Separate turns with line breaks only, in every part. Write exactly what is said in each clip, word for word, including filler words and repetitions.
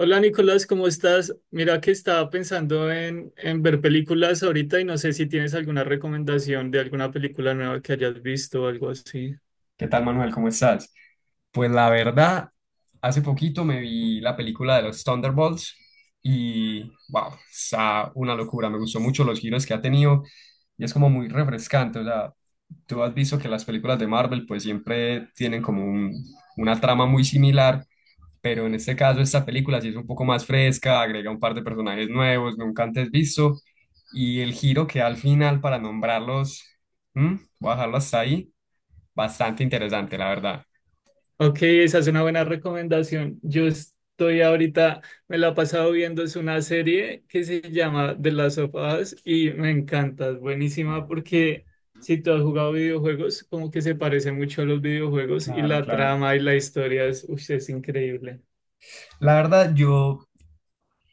Hola Nicolás, ¿cómo estás? Mira que estaba pensando en, en ver películas ahorita y no sé si tienes alguna recomendación de alguna película nueva que hayas visto o algo así.
¿Qué tal, Manuel? ¿Cómo estás? Pues la verdad, hace poquito me vi la película de los Thunderbolts y wow, está una locura. Me gustó mucho los giros que ha tenido y es como muy refrescante. O sea, tú has visto que las películas de Marvel pues siempre tienen como un- una trama muy similar, pero en este caso esta película sí es un poco más fresca, agrega un par de personajes nuevos, nunca antes visto y el giro que da al final para nombrarlos, ¿hmm? Voy a dejarlo hasta ahí. Bastante interesante, la verdad.
Ok, esa es una buena recomendación. Yo estoy ahorita, me la he pasado viendo, es una serie que se llama The Last of Us y me encanta, es buenísima porque si tú has jugado videojuegos, como que se parece mucho a los videojuegos y
Claro,
la
claro.
trama y la historia es, uy, es increíble.
La verdad, yo,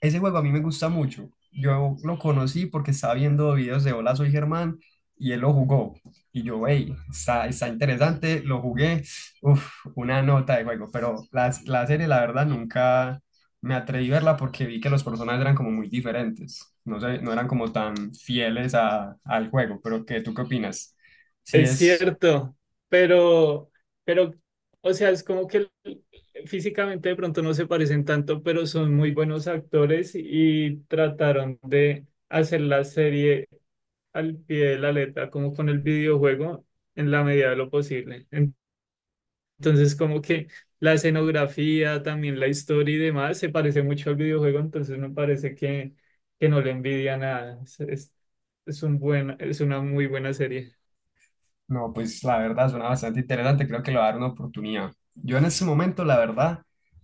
ese juego a mí me gusta mucho. Yo lo conocí porque estaba viendo videos de Hola, soy Germán y él lo jugó. Y yo, hey, está, está interesante, lo jugué. Uf, una nota de juego. Pero la, la serie, la verdad, nunca me atreví a verla porque vi que los personajes eran como muy diferentes. No sé, no eran como tan fieles a, al juego. Pero, ¿qué, tú qué opinas? Si
Es
es,
cierto, pero, pero, o sea, es como que físicamente de pronto no se parecen tanto, pero son muy buenos actores y trataron de hacer la serie al pie de la letra, como con el videojuego, en la medida de lo posible. En- Entonces, como que la escenografía, también la historia y demás, se parece mucho al videojuego, entonces me parece que, que no le envidia nada. Es, es, es un buen, es una muy buena serie.
no, pues la verdad suena bastante interesante, creo que le va a dar una oportunidad. Yo en este momento, la verdad,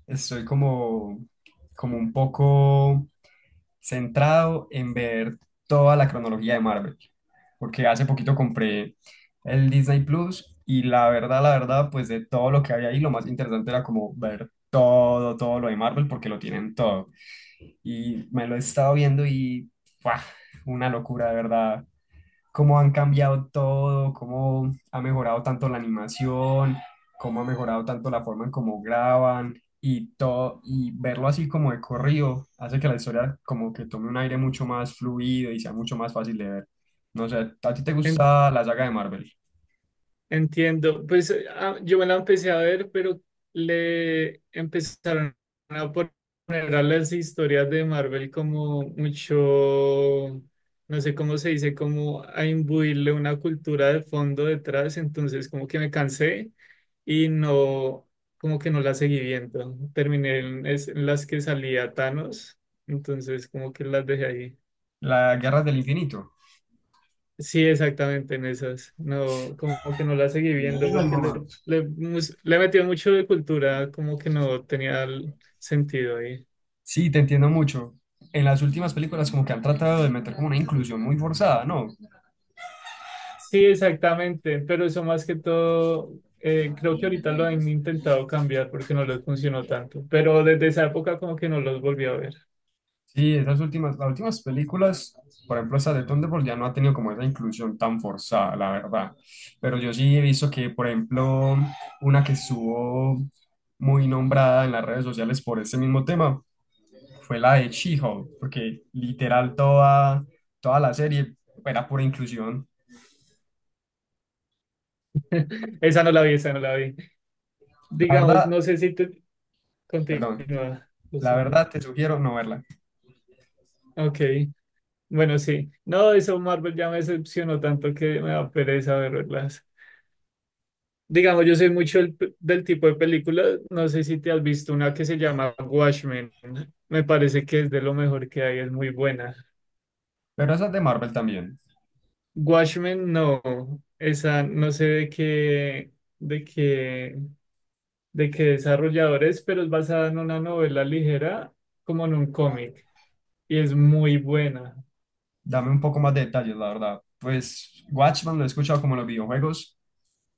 estoy como, como un poco centrado en ver toda la cronología de Marvel, porque hace poquito compré el Disney Plus y la verdad, la verdad, pues de todo lo que había ahí, lo más interesante era como ver todo, todo lo de Marvel, porque lo tienen todo. Y me lo he estado viendo y ¡fua! Una locura, de verdad cómo han cambiado todo, cómo ha mejorado tanto la animación, cómo ha mejorado tanto la forma en cómo graban y todo, y verlo así como de corrido hace que la historia como que tome un aire mucho más fluido y sea mucho más fácil de ver. No sé, ¿a ti te gusta la saga de Marvel?
Entiendo. Pues eh, ah, yo me la empecé a ver, pero le empezaron a poner a las historias de Marvel como mucho, no sé cómo se dice, como a imbuirle una cultura de fondo detrás. Entonces como que me cansé y no, como que no la seguí viendo. Terminé en, es- en las que salía Thanos, entonces como que las dejé ahí.
Las Guerras del Infinito.
Sí, exactamente en esas. No, como que no la seguí viendo porque le, le, mus- le metió mucho de cultura, como que no tenía el sentido ahí.
Sí, te entiendo mucho. En las últimas películas como que han tratado de meter como una inclusión muy forzada, ¿no?
Sí, exactamente, pero eso más que todo, eh, creo que ahorita lo han intentado cambiar porque no les funcionó tanto, pero desde esa época como que no los volví a ver.
Sí, esas últimas, las últimas películas, por ejemplo, esa de Thunderbolt ya no ha tenido como esa inclusión tan forzada, la verdad. Pero yo sí he visto que, por ejemplo, una que estuvo muy nombrada en las redes sociales por ese mismo tema fue la de She-Hulk, porque literal toda, toda la serie era pura inclusión.
Esa no la vi, esa no la vi.
La
Digamos,
verdad,
no sé si te
perdón,
continúa, lo
la
siento.
verdad te sugiero no verla.
Ok, bueno, sí. No, eso Marvel ya me decepcionó tanto que me da pereza verlas. Digamos, yo soy mucho el p- del tipo de película, no sé si te has visto una que se llama Watchmen, me parece que es de lo mejor que hay, es muy buena.
Pero esa es de Marvel también.
Watchmen no, esa no sé de qué, de qué, de qué desarrollador es, pero es basada en una novela ligera, como en un cómic, y es muy buena.
Dame un poco más de detalles, la verdad. Pues Watchman lo he escuchado como en los videojuegos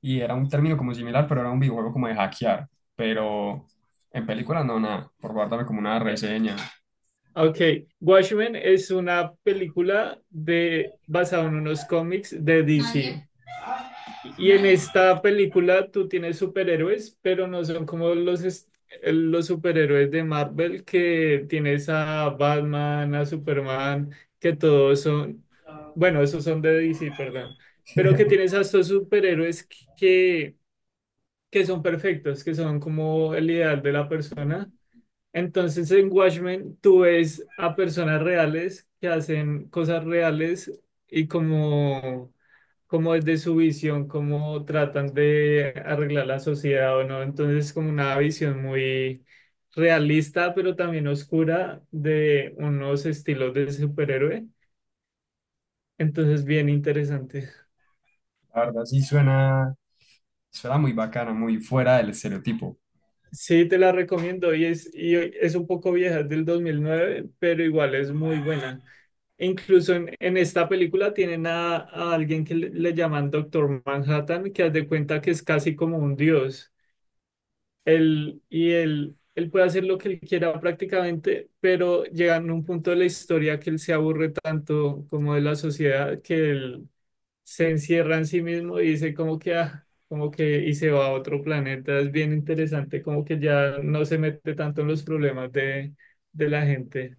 y era un término como similar, pero era un videojuego como de hackear. Pero en película no, nada. Por favor, dame como una
Eh,
reseña.
Ok, Watchmen es una película de, basada en unos cómics de
Nadie,
D C. Y en
nadie.
esta película tú tienes superhéroes, pero no son como los, est- los superhéroes de Marvel que tienes a Batman, a Superman, que todos son, bueno, esos son de D C, perdón, pero que tienes a estos superhéroes que, que son perfectos, que son como el ideal de la persona, entonces en Watchmen tú ves a personas reales que hacen cosas reales y como, como desde su visión, cómo tratan de arreglar la sociedad o no. Entonces es como una visión muy realista, pero también oscura de unos estilos de superhéroe. Entonces bien interesante.
La verdad sí suena, suena muy bacana, muy fuera del estereotipo.
Sí, te la recomiendo y es, y es un poco vieja, es del dos mil nueve pero igual es muy buena. Incluso en, en esta película tienen a, a alguien que le, le llaman Doctor Manhattan, que haz de cuenta que es casi como un dios. Él, y él, él puede hacer lo que él quiera prácticamente, pero llegan a un punto de la historia que él se aburre tanto como de la sociedad que él se encierra en sí mismo y dice como que, ah, como que, y se va a otro planeta. Es bien interesante, como que ya no se mete tanto en los problemas de, de la gente.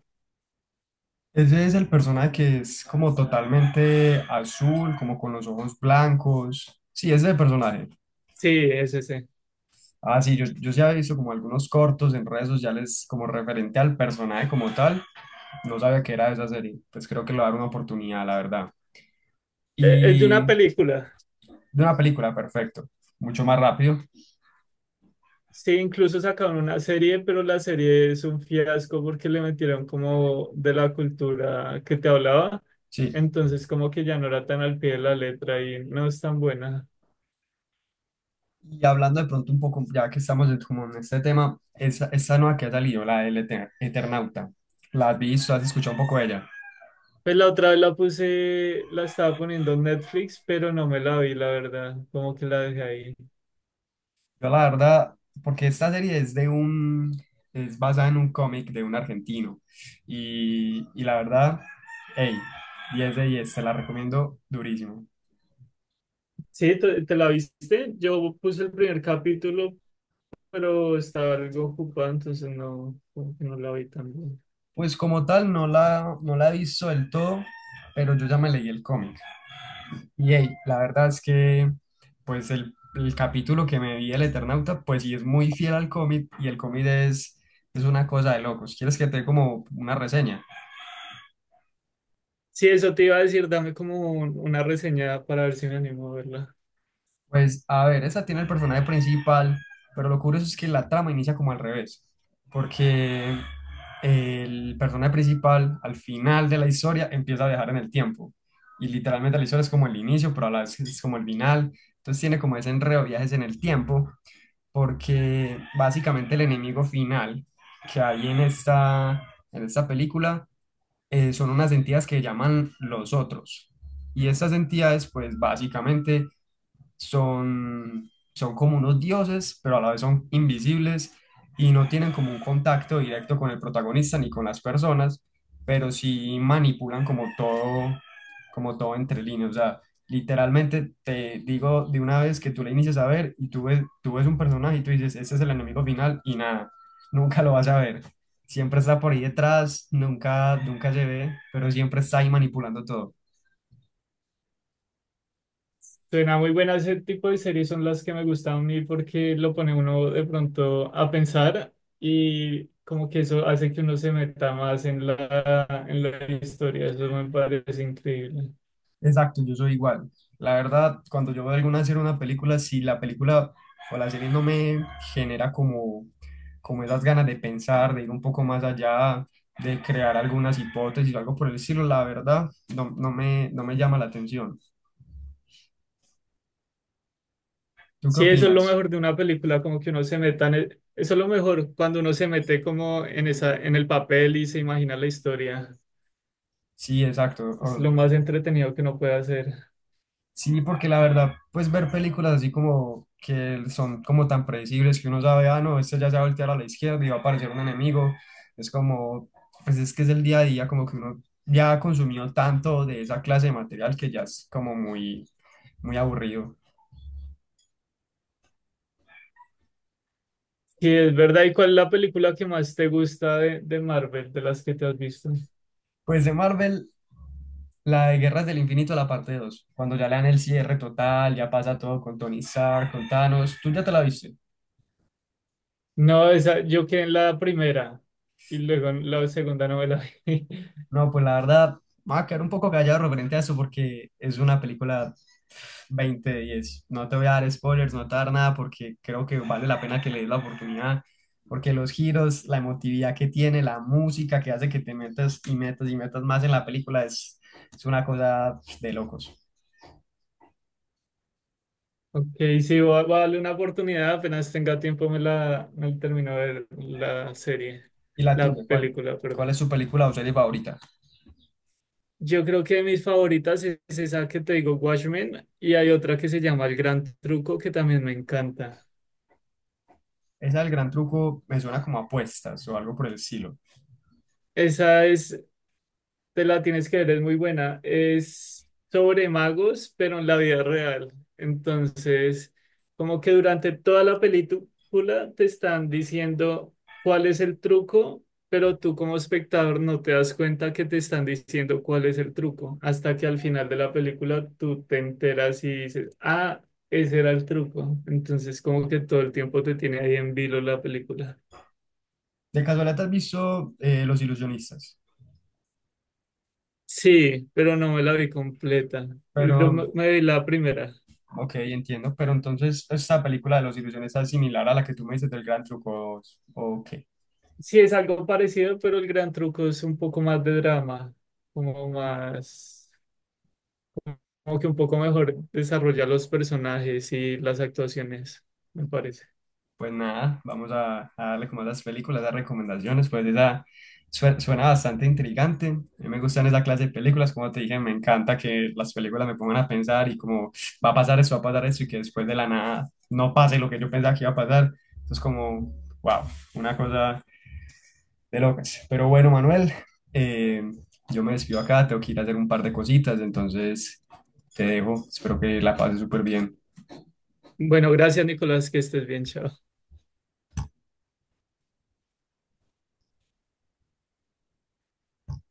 Ese es el personaje que es como totalmente azul, como con los ojos blancos. Sí, ese es el personaje.
Sí, es ese.
Ah, sí, yo, yo sí había visto como algunos cortos en redes sociales como referente al personaje como tal. No sabía que era de esa serie. Pues creo que le voy a dar una oportunidad, la verdad.
Eh, Es de una
Y
película.
de una película, perfecto. Mucho más rápido.
Sí, incluso sacaron una serie, pero la serie es un fiasco porque le metieron como de la cultura que te hablaba.
Sí.
Entonces como que ya no era tan al pie de la letra y no es tan buena.
Y hablando de pronto un poco, ya que estamos en- como en este tema, esa, esa nueva que ha salido, la del Eter- Eternauta. ¿La has visto? ¿Has escuchado un poco de ella?
Pues la otra vez la puse, la estaba poniendo en Netflix, pero no me la vi, la verdad. Como que la dejé ahí.
Yo la verdad, porque esta serie es de un, es basada en un cómic de un argentino. Y, y la verdad, hey, diez de diez, te la recomiendo durísimo.
Sí, ¿te, te la viste? Yo puse el primer capítulo, pero estaba algo ocupado, entonces no, como que no la vi tan bien.
Pues como tal, no la, no la he visto del todo, pero yo ya me leí el cómic. Y hey, la verdad es que, pues el, el capítulo que me vi el Eternauta, pues sí es muy fiel al cómic y el cómic es, es una cosa de locos. ¿Quieres que te dé como una reseña?
Sí, eso te iba a decir, dame como un- una reseña para ver si me animo a verla.
Pues a ver, esta tiene el personaje principal, pero lo curioso es que la trama inicia como al revés, porque el personaje principal al final de la historia empieza a viajar en el tiempo y literalmente la historia es como el inicio, pero a la vez es como el final, entonces tiene como ese enredo de viajes en el tiempo, porque básicamente el enemigo final que hay en esta, en esta película eh, son unas entidades que llaman los otros. Y estas entidades, pues básicamente son, son como unos dioses, pero a la vez son invisibles y no tienen como un contacto directo con el protagonista ni con las personas, pero sí manipulan como todo, como todo entre líneas. O sea, literalmente te digo de una vez que tú le inicias a ver y tú ves, tú ves un personaje y tú dices, este es el enemigo final y nada, nunca lo vas a ver. Siempre está por ahí detrás, nunca, nunca se ve, pero siempre está ahí manipulando todo.
Suena muy buena, ese tipo de series son las que me gustan a mí porque lo pone uno de pronto a pensar y como que eso hace que uno se meta más en la, en la historia, eso me parece increíble.
Exacto, yo soy igual. La verdad, cuando yo veo alguna serie o una película, si la película o la serie no me genera como, como esas ganas de pensar, de ir un poco más allá, de crear algunas hipótesis o algo por el estilo, la verdad, no, no me, no me llama la atención. ¿Tú qué
Sí, eso es lo
opinas?
mejor de una película, como que uno se meta en el- eso es lo mejor cuando uno se mete como en esa, en el papel y se imagina la historia,
Sí, exacto.
es lo más entretenido que uno puede hacer.
Sí, porque la verdad, pues ver películas así como que son como tan predecibles que uno sabe, ah, no, este ya se va a voltear a la izquierda y va a aparecer un enemigo. Es como, pues es que es el día a día, como que uno ya ha consumido tanto de esa clase de material que ya es como muy, muy aburrido.
Sí, es verdad, ¿y cuál es la película que más te gusta de, de Marvel, de las que te has visto?
Pues de Marvel, la de Guerras del Infinito, la parte dos cuando ya le dan el cierre total, ya pasa todo con Tony Stark, con Thanos, ¿tú ya te la viste?
No, esa, yo quedé en la primera y luego en la segunda no me la vi.
No, pues la verdad, me voy a quedar un poco callado referente a eso porque es una película veinte de diez. No te voy a dar spoilers, no te voy a dar nada porque creo que vale la pena que le des la oportunidad, porque los giros, la emotividad que tiene, la música que hace que te metas y metas y metas más en la película es, es una cosa de locos.
Ok, sí, voy a, voy a darle una oportunidad. Apenas tenga tiempo me la, me la termino de ver la serie,
¿Y la
la
tuya? ¿Cuál,
película,
¿cuál
perdón.
es su película o serie favorita?
Yo creo que mis favoritas es esa que te digo, Watchmen, y hay otra que se llama El Gran Truco que también me encanta.
Esa del gran truco me suena como apuestas o algo por el estilo.
Esa es, te la tienes que ver, es muy buena. Es sobre magos, pero en la vida real. Entonces, como que durante toda la película te están diciendo cuál es el truco, pero tú como espectador no te das cuenta que te están diciendo cuál es el truco, hasta que al final de la película tú te enteras y dices, ah, ese era el truco. Entonces, como que todo el tiempo te tiene ahí en vilo la película.
De casualidad, ¿te ¿has visto eh, Los Ilusionistas?
Sí, pero no me la vi completa. Creo que
Pero,
me me vi la primera.
ok, entiendo. Pero entonces, ¿esta película de Los Ilusionistas es similar a la que tú me dices del gran truco? Ok.
Sí, es algo parecido, pero el gran truco es un poco más de drama, como más, como que un poco mejor desarrollar los personajes y las actuaciones, me parece.
Pues nada, vamos a, a darle como a las películas, a las recomendaciones, pues esa sue- suena bastante intrigante. A mí me gustan esa clase de películas, como te dije, me encanta que las películas me pongan a pensar y como va a pasar eso, va a pasar eso y que después de la nada no pase lo que yo pensaba que iba a pasar. Entonces como, wow, una cosa de locas. Pero bueno, Manuel, eh, yo me despido acá, tengo que ir a hacer un par de cositas, entonces te dejo, espero que la pases súper bien.
Bueno, gracias, Nicolás, que estés bien, chao.